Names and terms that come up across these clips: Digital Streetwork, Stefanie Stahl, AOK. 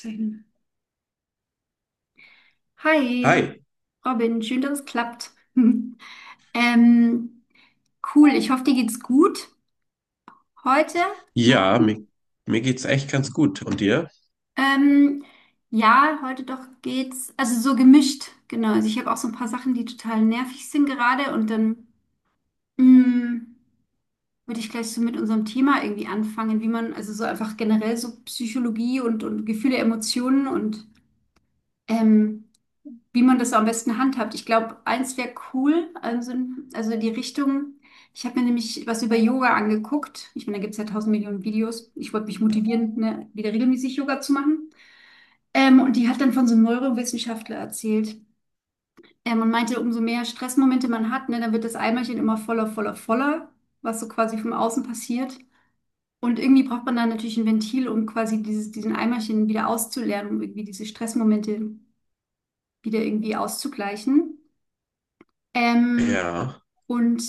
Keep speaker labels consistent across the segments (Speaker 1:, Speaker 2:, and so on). Speaker 1: Schön. Hi,
Speaker 2: Hi,
Speaker 1: Robin, schön, dass es klappt. Ähm, cool, ich hoffe, dir geht's gut heute.
Speaker 2: ja,
Speaker 1: Morgen.
Speaker 2: mir, mir geht's echt ganz gut. Und dir?
Speaker 1: Ähm, ja, heute doch geht's, also so gemischt, genau. Also ich habe auch so ein paar Sachen, die total nervig sind gerade, und dann mh, würde ich gleich so mit unserem Thema irgendwie anfangen, wie man, also so einfach generell so Psychologie und Gefühle, Emotionen und ähm, wie man das so am besten handhabt. Ich glaube, eins wäre cool, also die Richtung. Ich habe mir nämlich was über Yoga angeguckt. Ich meine, da gibt es ja tausend Millionen Videos. Ich wollte mich motivieren, ne, wieder regelmäßig Yoga zu machen. Und die hat dann von so einem Neurowissenschaftler erzählt. Und meinte, umso mehr Stressmomente man hat, ne, dann wird das Eimerchen immer voller, voller, voller, was so quasi vom Außen passiert. Und irgendwie braucht man dann natürlich ein Ventil, um quasi dieses, diesen Eimerchen wieder auszuleeren, um irgendwie diese Stressmomente wieder irgendwie auszugleichen. Ähm,
Speaker 2: Ja,
Speaker 1: und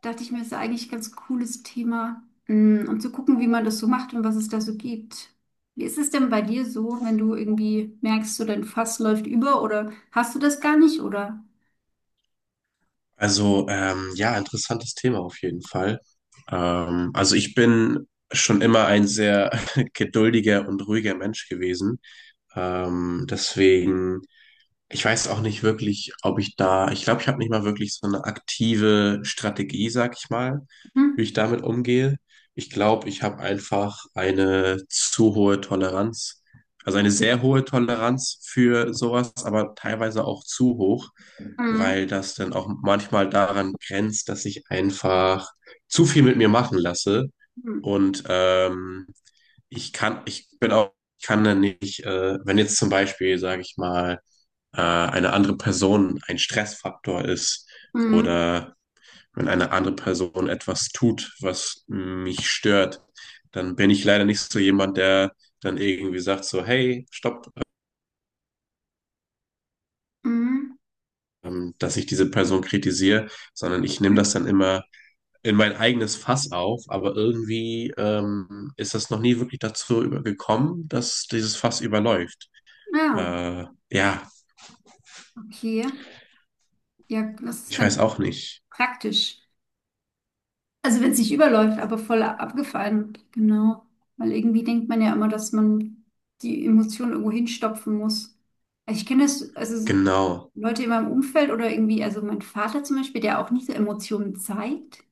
Speaker 1: dachte ich mir, ist ja eigentlich ein ganz cooles Thema, um zu gucken, wie man das so macht und was es da so gibt. Wie ist es denn bei dir so, wenn du irgendwie merkst, so dein Fass läuft über, oder hast du das gar nicht oder?
Speaker 2: ja, interessantes Thema auf jeden Fall. Also ich bin schon immer ein sehr geduldiger und ruhiger Mensch gewesen. Deswegen. Ich weiß auch nicht wirklich, ob ich glaube, ich habe nicht mal wirklich so eine aktive Strategie, sag ich mal, wie
Speaker 1: Hm?
Speaker 2: ich damit umgehe. Ich glaube, ich habe einfach eine zu hohe Toleranz, also eine sehr hohe Toleranz für sowas, aber teilweise auch zu hoch,
Speaker 1: Mhm.
Speaker 2: weil das dann auch manchmal daran grenzt, dass ich einfach zu viel mit mir machen lasse
Speaker 1: Mhm.
Speaker 2: und ich kann, ich bin auch, ich kann dann nicht, wenn jetzt zum Beispiel, sage ich mal, eine andere Person ein Stressfaktor ist
Speaker 1: Mhm.
Speaker 2: oder wenn eine andere Person etwas tut, was mich stört, dann bin ich leider nicht so jemand, der dann irgendwie sagt so, hey, stopp,
Speaker 1: Mhm.
Speaker 2: dass ich diese Person kritisiere, sondern ich nehme das dann immer in mein eigenes Fass auf, aber irgendwie ist das noch nie wirklich gekommen, dass dieses Fass überläuft.
Speaker 1: Ja,
Speaker 2: Ja,
Speaker 1: okay. Ja, das ist
Speaker 2: ich weiß
Speaker 1: dann
Speaker 2: auch nicht.
Speaker 1: praktisch. Also wenn es nicht überläuft, aber voll abgefallen, genau. Weil irgendwie denkt man ja immer, dass man die Emotionen irgendwo hinstopfen muss. Also ich kenne das, also so
Speaker 2: Genau.
Speaker 1: Leute in meinem Umfeld oder irgendwie, also mein Vater zum Beispiel, der auch nicht so Emotionen zeigt.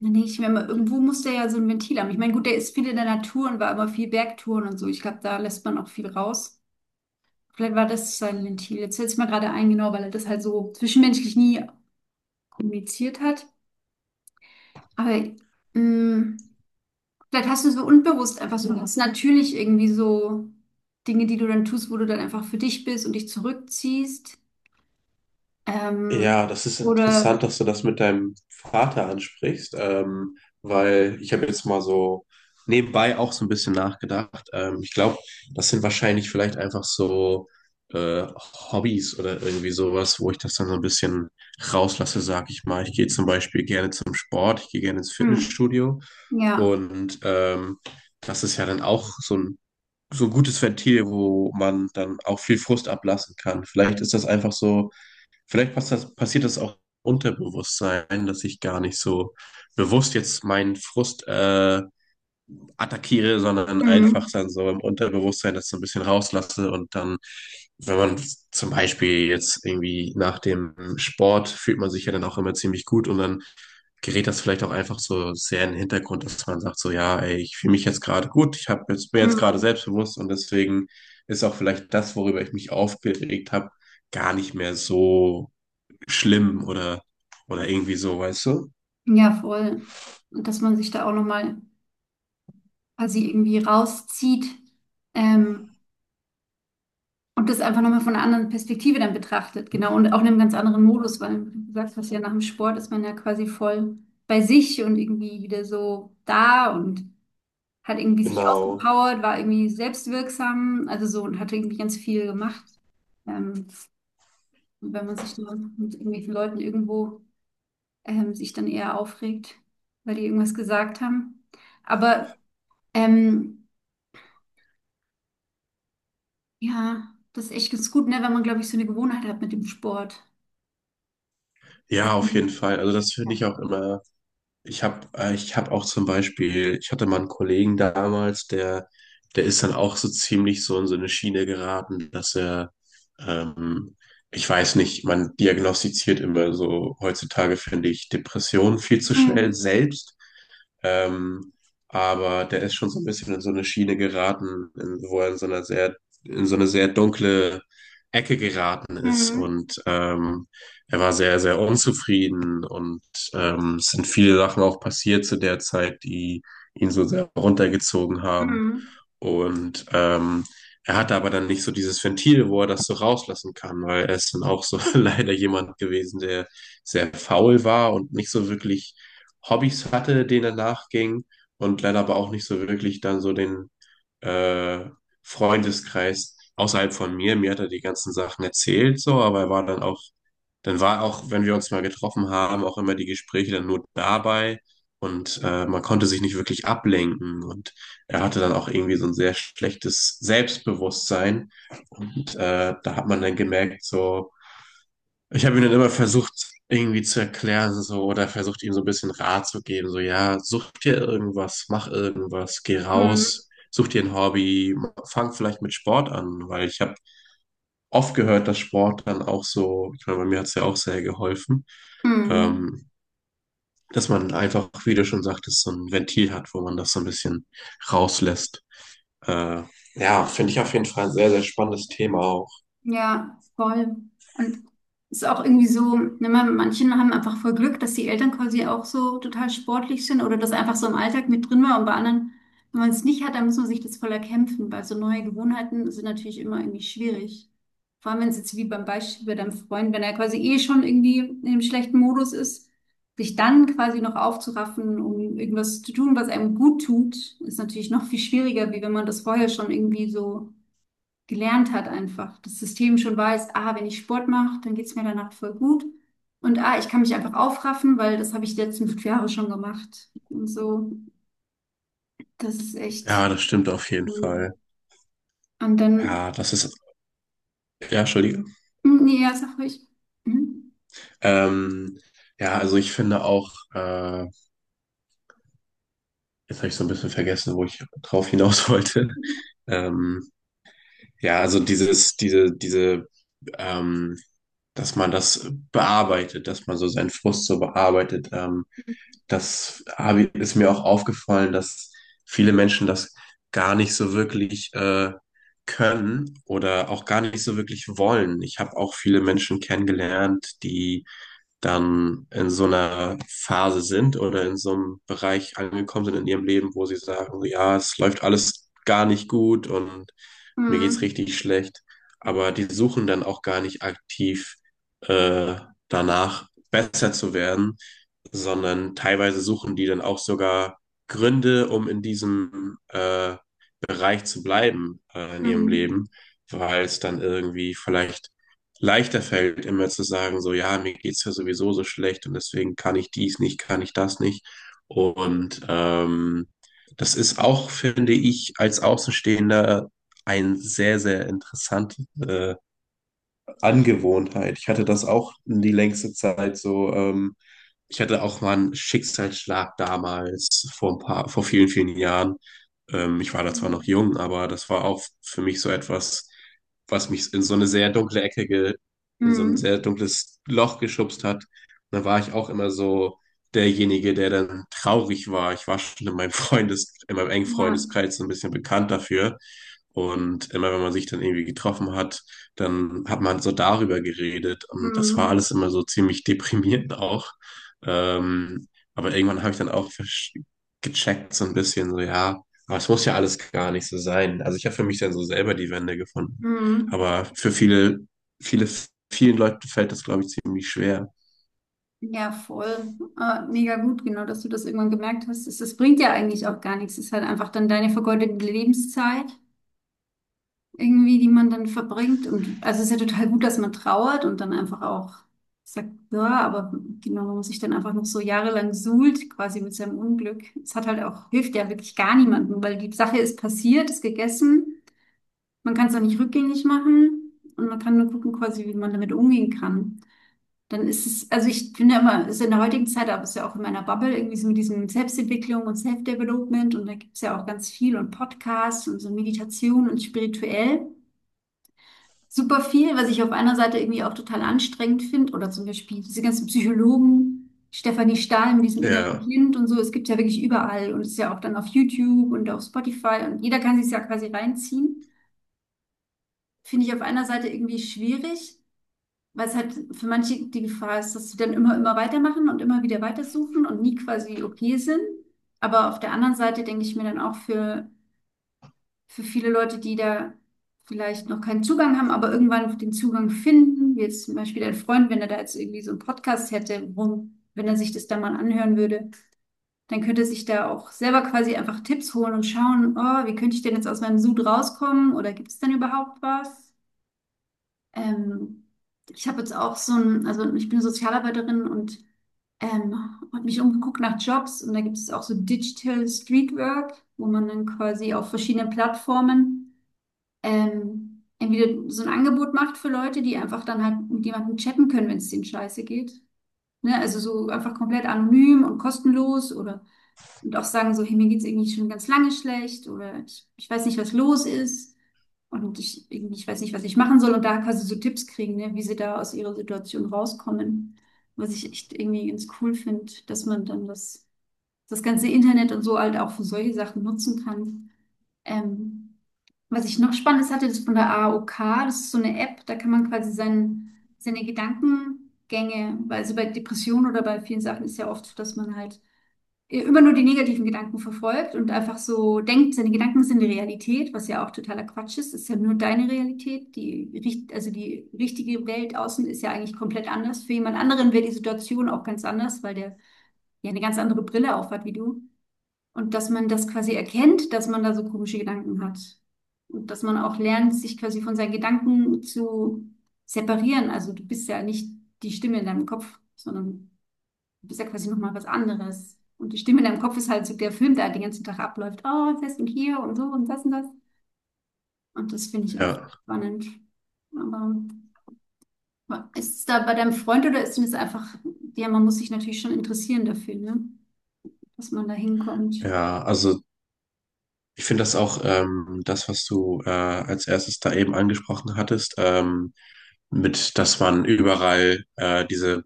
Speaker 1: Dann denke ich mir immer, irgendwo muss der ja so ein Ventil haben. Ich meine, gut, der ist viel in der Natur und war immer viel Bergtouren und so. Ich glaube, da lässt man auch viel raus. Vielleicht war das sein Ventil. Jetzt fällt es mir gerade ein, genau, weil er das halt so zwischenmenschlich nie kommuniziert hat. Aber mh, Vielleicht hast du so unbewusst einfach so ganz natürlich irgendwie so Dinge, die du dann tust, wo du dann einfach für dich bist und dich zurückziehst. Ähm,
Speaker 2: Ja, das ist interessant,
Speaker 1: oder,
Speaker 2: dass du das mit deinem Vater ansprichst, weil ich habe jetzt mal so nebenbei auch so ein bisschen nachgedacht. Ich glaube, das sind wahrscheinlich vielleicht einfach so äh, Hobbys oder irgendwie sowas, wo ich das dann so ein bisschen rauslasse, sag ich mal. Ich gehe zum Beispiel gerne zum Sport, ich gehe gerne ins
Speaker 1: hm,
Speaker 2: Fitnessstudio
Speaker 1: ja,
Speaker 2: und das ist ja dann auch so ein gutes Ventil, wo man dann auch viel Frust ablassen kann. Vielleicht ist das einfach so. Vielleicht passiert das auch Unterbewusstsein, dass ich gar nicht so bewusst jetzt meinen Frust attackiere, sondern einfach
Speaker 1: hm,
Speaker 2: dann so im Unterbewusstsein das so ein bisschen rauslasse und dann, wenn man zum Beispiel jetzt irgendwie nach dem Sport fühlt man sich ja dann auch immer ziemlich gut und dann gerät das vielleicht auch einfach so sehr in den Hintergrund, dass man sagt so, ja, ey, ich fühle mich jetzt gerade gut, bin jetzt gerade
Speaker 1: hm,
Speaker 2: selbstbewusst und deswegen ist auch vielleicht das, worüber ich mich aufgeregt habe, gar nicht mehr so schlimm oder irgendwie so, weißt du?
Speaker 1: ja, voll. Und dass man sich da auch nochmal quasi irgendwie rauszieht, ähm, und das einfach nochmal von einer anderen Perspektive dann betrachtet. Genau. Und auch in einem ganz anderen Modus, weil wie du sagst, was ja nach dem Sport ist man ja quasi voll bei sich und irgendwie wieder so da und hat irgendwie sich
Speaker 2: Genau.
Speaker 1: ausgepowert, war irgendwie selbstwirksam, also so, und hat irgendwie ganz viel gemacht. Ähm, und wenn man sich dann mit irgendwelchen Leuten irgendwo sich dann eher aufregt, weil die irgendwas gesagt haben. Aber ähm, ja, das ist echt ganz gut, ne, wenn man, glaube ich, so eine Gewohnheit hat mit dem Sport. Das,
Speaker 2: Ja, auf jeden Fall. Also das finde
Speaker 1: ja.
Speaker 2: ich auch immer. Ich habe auch zum Beispiel, ich hatte mal einen Kollegen damals, der ist dann auch so ziemlich so in so eine Schiene geraten, ähm, ich weiß nicht, man diagnostiziert immer so heutzutage, finde ich, Depressionen viel zu schnell
Speaker 1: Mhm.
Speaker 2: selbst. Ähm, aber der ist schon so ein bisschen in so eine Schiene geraten, wo er in so einer sehr, in so eine sehr dunkle Ecke geraten ist
Speaker 1: Mhm.
Speaker 2: und er war sehr, sehr unzufrieden und es sind viele Sachen auch passiert zu der Zeit, die ihn so sehr runtergezogen haben.
Speaker 1: Mhm.
Speaker 2: Und er hatte aber dann nicht so dieses Ventil, wo er das so rauslassen kann, weil er ist dann auch so leider jemand gewesen, der sehr faul war und nicht so wirklich Hobbys hatte, denen er nachging und leider aber auch nicht so wirklich dann so den äh, Freundeskreis außerhalb von mir. Mir hat er die ganzen Sachen erzählt, so, aber er war dann auch, dann war auch, wenn wir uns mal getroffen haben, auch immer die Gespräche dann nur dabei und man konnte sich nicht wirklich ablenken und er hatte dann auch irgendwie so ein sehr schlechtes Selbstbewusstsein. Und da hat man dann gemerkt, so, ich habe ihm dann immer versucht, irgendwie zu erklären, so, oder versucht, ihm so ein bisschen Rat zu geben, so, ja, such dir irgendwas, mach irgendwas, geh
Speaker 1: Mhm.
Speaker 2: raus, such dir ein Hobby, fang vielleicht mit Sport an, weil ich habe oft gehört, dass Sport dann auch so, ich meine, bei mir hat es ja auch sehr geholfen,
Speaker 1: Mhm.
Speaker 2: ähm, dass man einfach, wie du schon sagtest, so ein Ventil hat, wo man das so ein bisschen rauslässt. Äh, ja, finde ich auf jeden Fall ein sehr, sehr spannendes Thema auch.
Speaker 1: Ja, voll. Und es ist auch irgendwie so, ne, manche haben einfach voll Glück, dass die Eltern quasi auch so total sportlich sind oder das einfach so im Alltag mit drin war. Und bei anderen, wenn man es nicht hat, dann muss man sich das voll erkämpfen, weil so neue Gewohnheiten sind natürlich immer irgendwie schwierig. Vor allem, wenn es jetzt wie beim Beispiel bei deinem Freund, wenn er quasi eh schon irgendwie in einem schlechten Modus ist, sich dann quasi noch aufzuraffen, um irgendwas zu tun, was einem gut tut, ist natürlich noch viel schwieriger, wie wenn man das vorher schon irgendwie so gelernt hat einfach. Das System schon weiß, ah, wenn ich Sport mache, dann geht's mir danach voll gut. Und ah, ich kann mich einfach aufraffen, weil das habe ich die letzten 5 Jahre schon gemacht. Und so, das ist echt.
Speaker 2: Ja, das stimmt auf jeden
Speaker 1: So.
Speaker 2: Fall.
Speaker 1: Und dann,
Speaker 2: Ja, das ist, ja, Entschuldige.
Speaker 1: hm, nee, ja, sag ruhig. Hm?
Speaker 2: Ähm, ja, also ich finde auch, jetzt habe ich so ein bisschen vergessen, wo ich drauf hinaus wollte. Ähm, ja, also dieses, ähm, dass man das bearbeitet, dass man so seinen Frust so bearbeitet. Ist mir auch aufgefallen, dass viele Menschen das gar nicht so wirklich können oder auch gar nicht so wirklich wollen. Ich habe auch viele Menschen kennengelernt, die dann in so einer Phase sind oder in so einem Bereich angekommen sind in ihrem Leben, wo sie sagen, so, ja, es läuft alles gar nicht gut und mir geht's
Speaker 1: Hm,
Speaker 2: richtig schlecht. Aber die suchen dann auch gar nicht aktiv äh, danach, besser zu werden, sondern teilweise suchen die dann auch sogar Gründe, um in diesem Bereich zu bleiben in ihrem
Speaker 1: hm,
Speaker 2: Leben, weil es dann irgendwie vielleicht leichter fällt, immer zu sagen, so, ja, mir geht's ja sowieso so schlecht und deswegen kann ich dies nicht, kann ich das nicht. Und das ist auch, finde ich, als Außenstehender ein sehr, sehr interessantes Angewohnheit. Ich hatte das auch die längste Zeit so. Ich hatte auch mal einen Schicksalsschlag damals vor ein paar, vor vielen, vielen Jahren. Ich war da zwar noch jung, aber das war auch für mich so etwas, was mich in so eine sehr dunkle in so ein
Speaker 1: hm,
Speaker 2: sehr dunkles Loch geschubst hat. Und da war ich auch immer so derjenige, der dann traurig war. Ich war schon in meinem Freundes, in meinem engen
Speaker 1: ja,
Speaker 2: Freundeskreis so ein bisschen bekannt dafür und immer wenn man sich dann irgendwie getroffen hat, dann hat man so darüber geredet. Und das war
Speaker 1: hm,
Speaker 2: alles immer so ziemlich deprimierend auch. Ähm, aber irgendwann habe ich dann auch gecheckt, so ein bisschen, so ja, aber es muss ja alles gar nicht so sein. Also ich habe für mich dann so selber die Wende gefunden.
Speaker 1: hm.
Speaker 2: Aber für viele, viele, vielen Leuten fällt das, glaube ich, ziemlich schwer.
Speaker 1: Ja, voll. Mega gut, genau, dass du das irgendwann gemerkt hast. Das bringt ja eigentlich auch gar nichts. Es ist halt einfach dann deine vergeudete Lebenszeit irgendwie, die man dann verbringt. Und also es ist ja total gut, dass man trauert und dann einfach auch sagt, ja, aber genau, man muss sich dann einfach noch so jahrelang suhlt, quasi mit seinem Unglück. Es hat halt auch, hilft ja wirklich gar niemandem, weil die Sache ist passiert, ist gegessen, man kann es auch nicht rückgängig machen, und man kann nur gucken, quasi, wie man damit umgehen kann. Dann ist es, also ich finde immer, es ist in der heutigen Zeit, aber es ist ja auch in meiner Bubble, irgendwie so mit diesem Selbstentwicklung und Self-Development, und da gibt es ja auch ganz viel, und Podcasts und so Meditation und spirituell super viel, was ich auf einer Seite irgendwie auch total anstrengend finde. Oder zum Beispiel diese ganzen Psychologen, Stefanie Stahl mit diesem inneren
Speaker 2: Ja,
Speaker 1: Kind und so. Es gibt ja wirklich überall, und es ist ja auch dann auf YouTube und auf Spotify, und jeder kann sich ja quasi reinziehen. Finde ich auf einer Seite irgendwie schwierig, weil es halt für manche die Gefahr ist, dass sie dann immer, immer weitermachen und immer wieder weitersuchen und nie quasi okay sind. Aber auf der anderen Seite denke ich mir dann auch für viele Leute, die da vielleicht noch keinen Zugang haben, aber irgendwann den Zugang finden, wie jetzt zum Beispiel dein Freund, wenn er da jetzt irgendwie so einen Podcast hätte, worum, wenn er sich das da mal anhören würde, dann könnte er sich da auch selber quasi einfach Tipps holen und schauen, oh, wie könnte ich denn jetzt aus meinem Sud rauskommen, oder gibt es denn überhaupt was? Ähm, ich habe jetzt auch so ein, also ich bin Sozialarbeiterin und ähm, habe mich umgeguckt nach Jobs, und da gibt es auch so Digital Streetwork, wo man dann quasi auf verschiedenen Plattformen entweder so ein Angebot macht für Leute, die einfach dann halt mit jemandem chatten können, wenn es denen scheiße geht. Ne? Also so einfach komplett anonym und kostenlos, oder und auch sagen so, hey, mir geht's irgendwie schon ganz lange schlecht, oder ich, weiß nicht, was los ist und ich, irgendwie, ich weiß nicht, was ich machen soll, und da quasi so Tipps kriegen, ne, wie sie da aus ihrer Situation rauskommen. Was ich echt irgendwie ganz cool finde, dass man dann das, ganze Internet und so halt auch für solche Sachen nutzen kann. Ähm, was ich noch Spannendes hatte, das ist von der AOK, das ist so eine App, da kann man quasi seine Gedankengänge, weil also bei Depressionen oder bei vielen Sachen ist ja oft so, dass man halt immer nur die negativen Gedanken verfolgt und einfach so denkt, seine Gedanken sind die Realität, was ja auch totaler Quatsch ist, ist ja nur deine Realität, also die richtige Welt außen ist ja eigentlich komplett anders. Für jemand anderen wäre die Situation auch ganz anders, weil der ja eine ganz andere Brille auf hat wie du. Und dass man das quasi erkennt, dass man da so komische Gedanken hat. Und dass man auch lernt, sich quasi von seinen Gedanken zu separieren. Also du bist ja nicht die Stimme in deinem Kopf, sondern du bist ja quasi nochmal was anderes. Und die Stimme in deinem Kopf ist halt so der Film, der halt den ganzen Tag abläuft. Oh, das und hier und so, und das und das. Und das finde ich auch
Speaker 2: ja,
Speaker 1: spannend. Aber ist es da bei deinem Freund, oder ist es einfach, ja, man muss sich natürlich schon interessieren dafür, ne? Dass man da hinkommt.
Speaker 2: ja. Also ich finde das auch das, was du als erstes da eben angesprochen hattest, mit, dass man überall diese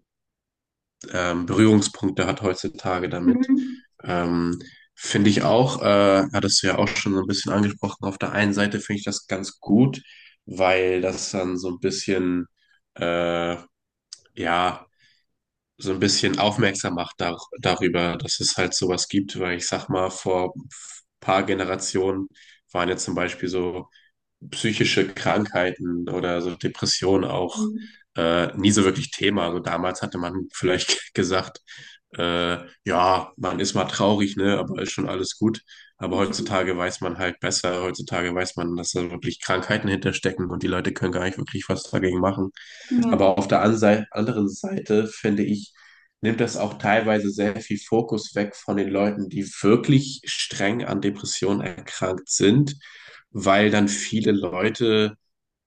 Speaker 2: ähm, Berührungspunkte hat heutzutage damit.
Speaker 1: Mhm.
Speaker 2: Ähm, Finde ich auch, hattest du ja auch schon so ein bisschen angesprochen, auf der einen Seite finde ich das ganz gut, weil das dann so ein bisschen, äh, ja, so ein bisschen aufmerksam macht dar darüber, dass es halt sowas gibt, weil ich sag mal, vor ein paar Generationen waren ja zum Beispiel so psychische Krankheiten oder so Depressionen auch
Speaker 1: Mhm.
Speaker 2: äh, nie so wirklich Thema. Also damals hatte man vielleicht gesagt, äh, ja, man ist mal traurig, ne, aber ist schon alles gut. Aber heutzutage weiß man halt besser. Heutzutage weiß man, dass da wirklich Krankheiten hinterstecken und die Leute können gar nicht wirklich was dagegen machen.
Speaker 1: Ja.
Speaker 2: Aber auf der anderen Seite, finde ich, nimmt das auch teilweise sehr viel Fokus weg von den Leuten, die wirklich streng an Depressionen erkrankt sind, weil dann viele Leute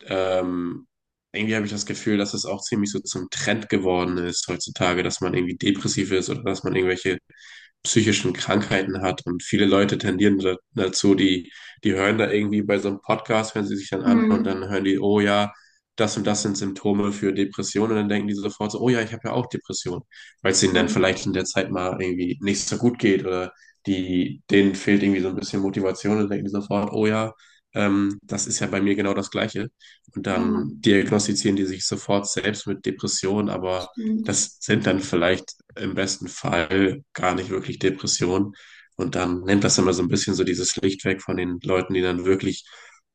Speaker 2: ähm, irgendwie habe ich das Gefühl, dass es auch ziemlich so zum Trend geworden ist heutzutage, dass man irgendwie depressiv ist oder dass man irgendwelche psychischen Krankheiten hat. Und viele Leute tendieren da, dazu, die hören da irgendwie bei so einem Podcast, hören sie sich dann an und
Speaker 1: Mhm.
Speaker 2: dann hören die, oh ja, das und das sind Symptome für Depressionen. Und dann denken die sofort so, oh ja, ich habe ja auch Depressionen, weil es ihnen dann
Speaker 1: Mhm.
Speaker 2: vielleicht in der Zeit mal irgendwie nicht so gut geht oder denen fehlt irgendwie so ein bisschen Motivation und denken die sofort, oh ja, das ist ja bei mir genau das Gleiche. Und
Speaker 1: Ja,
Speaker 2: dann diagnostizieren die sich sofort selbst mit Depressionen, aber
Speaker 1: stimmt.
Speaker 2: das sind dann vielleicht im besten Fall gar nicht wirklich Depressionen. Und dann nimmt das immer so ein bisschen so dieses Licht weg von den Leuten, die dann wirklich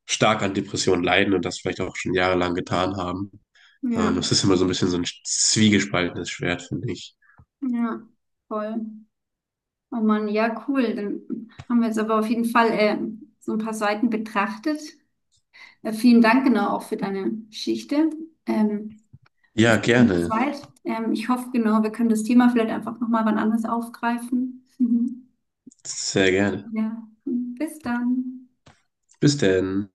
Speaker 2: stark an Depressionen leiden und das vielleicht auch schon jahrelang getan haben.
Speaker 1: Ja,
Speaker 2: Das ist immer so ein bisschen so ein zwiegespaltenes Schwert, finde ich.
Speaker 1: ja, voll. Oh Mann, ja, cool. Dann haben wir jetzt aber auf jeden Fall so ein paar Seiten betrachtet. Vielen Dank, genau, auch für deine Geschichte. Ähm,
Speaker 2: Ja,
Speaker 1: und die
Speaker 2: gerne.
Speaker 1: Zeit. Ich hoffe, genau, wir können das Thema vielleicht einfach nochmal wann anders aufgreifen. Mhm.
Speaker 2: Sehr gerne.
Speaker 1: Ja, bis dann.
Speaker 2: Bis denn.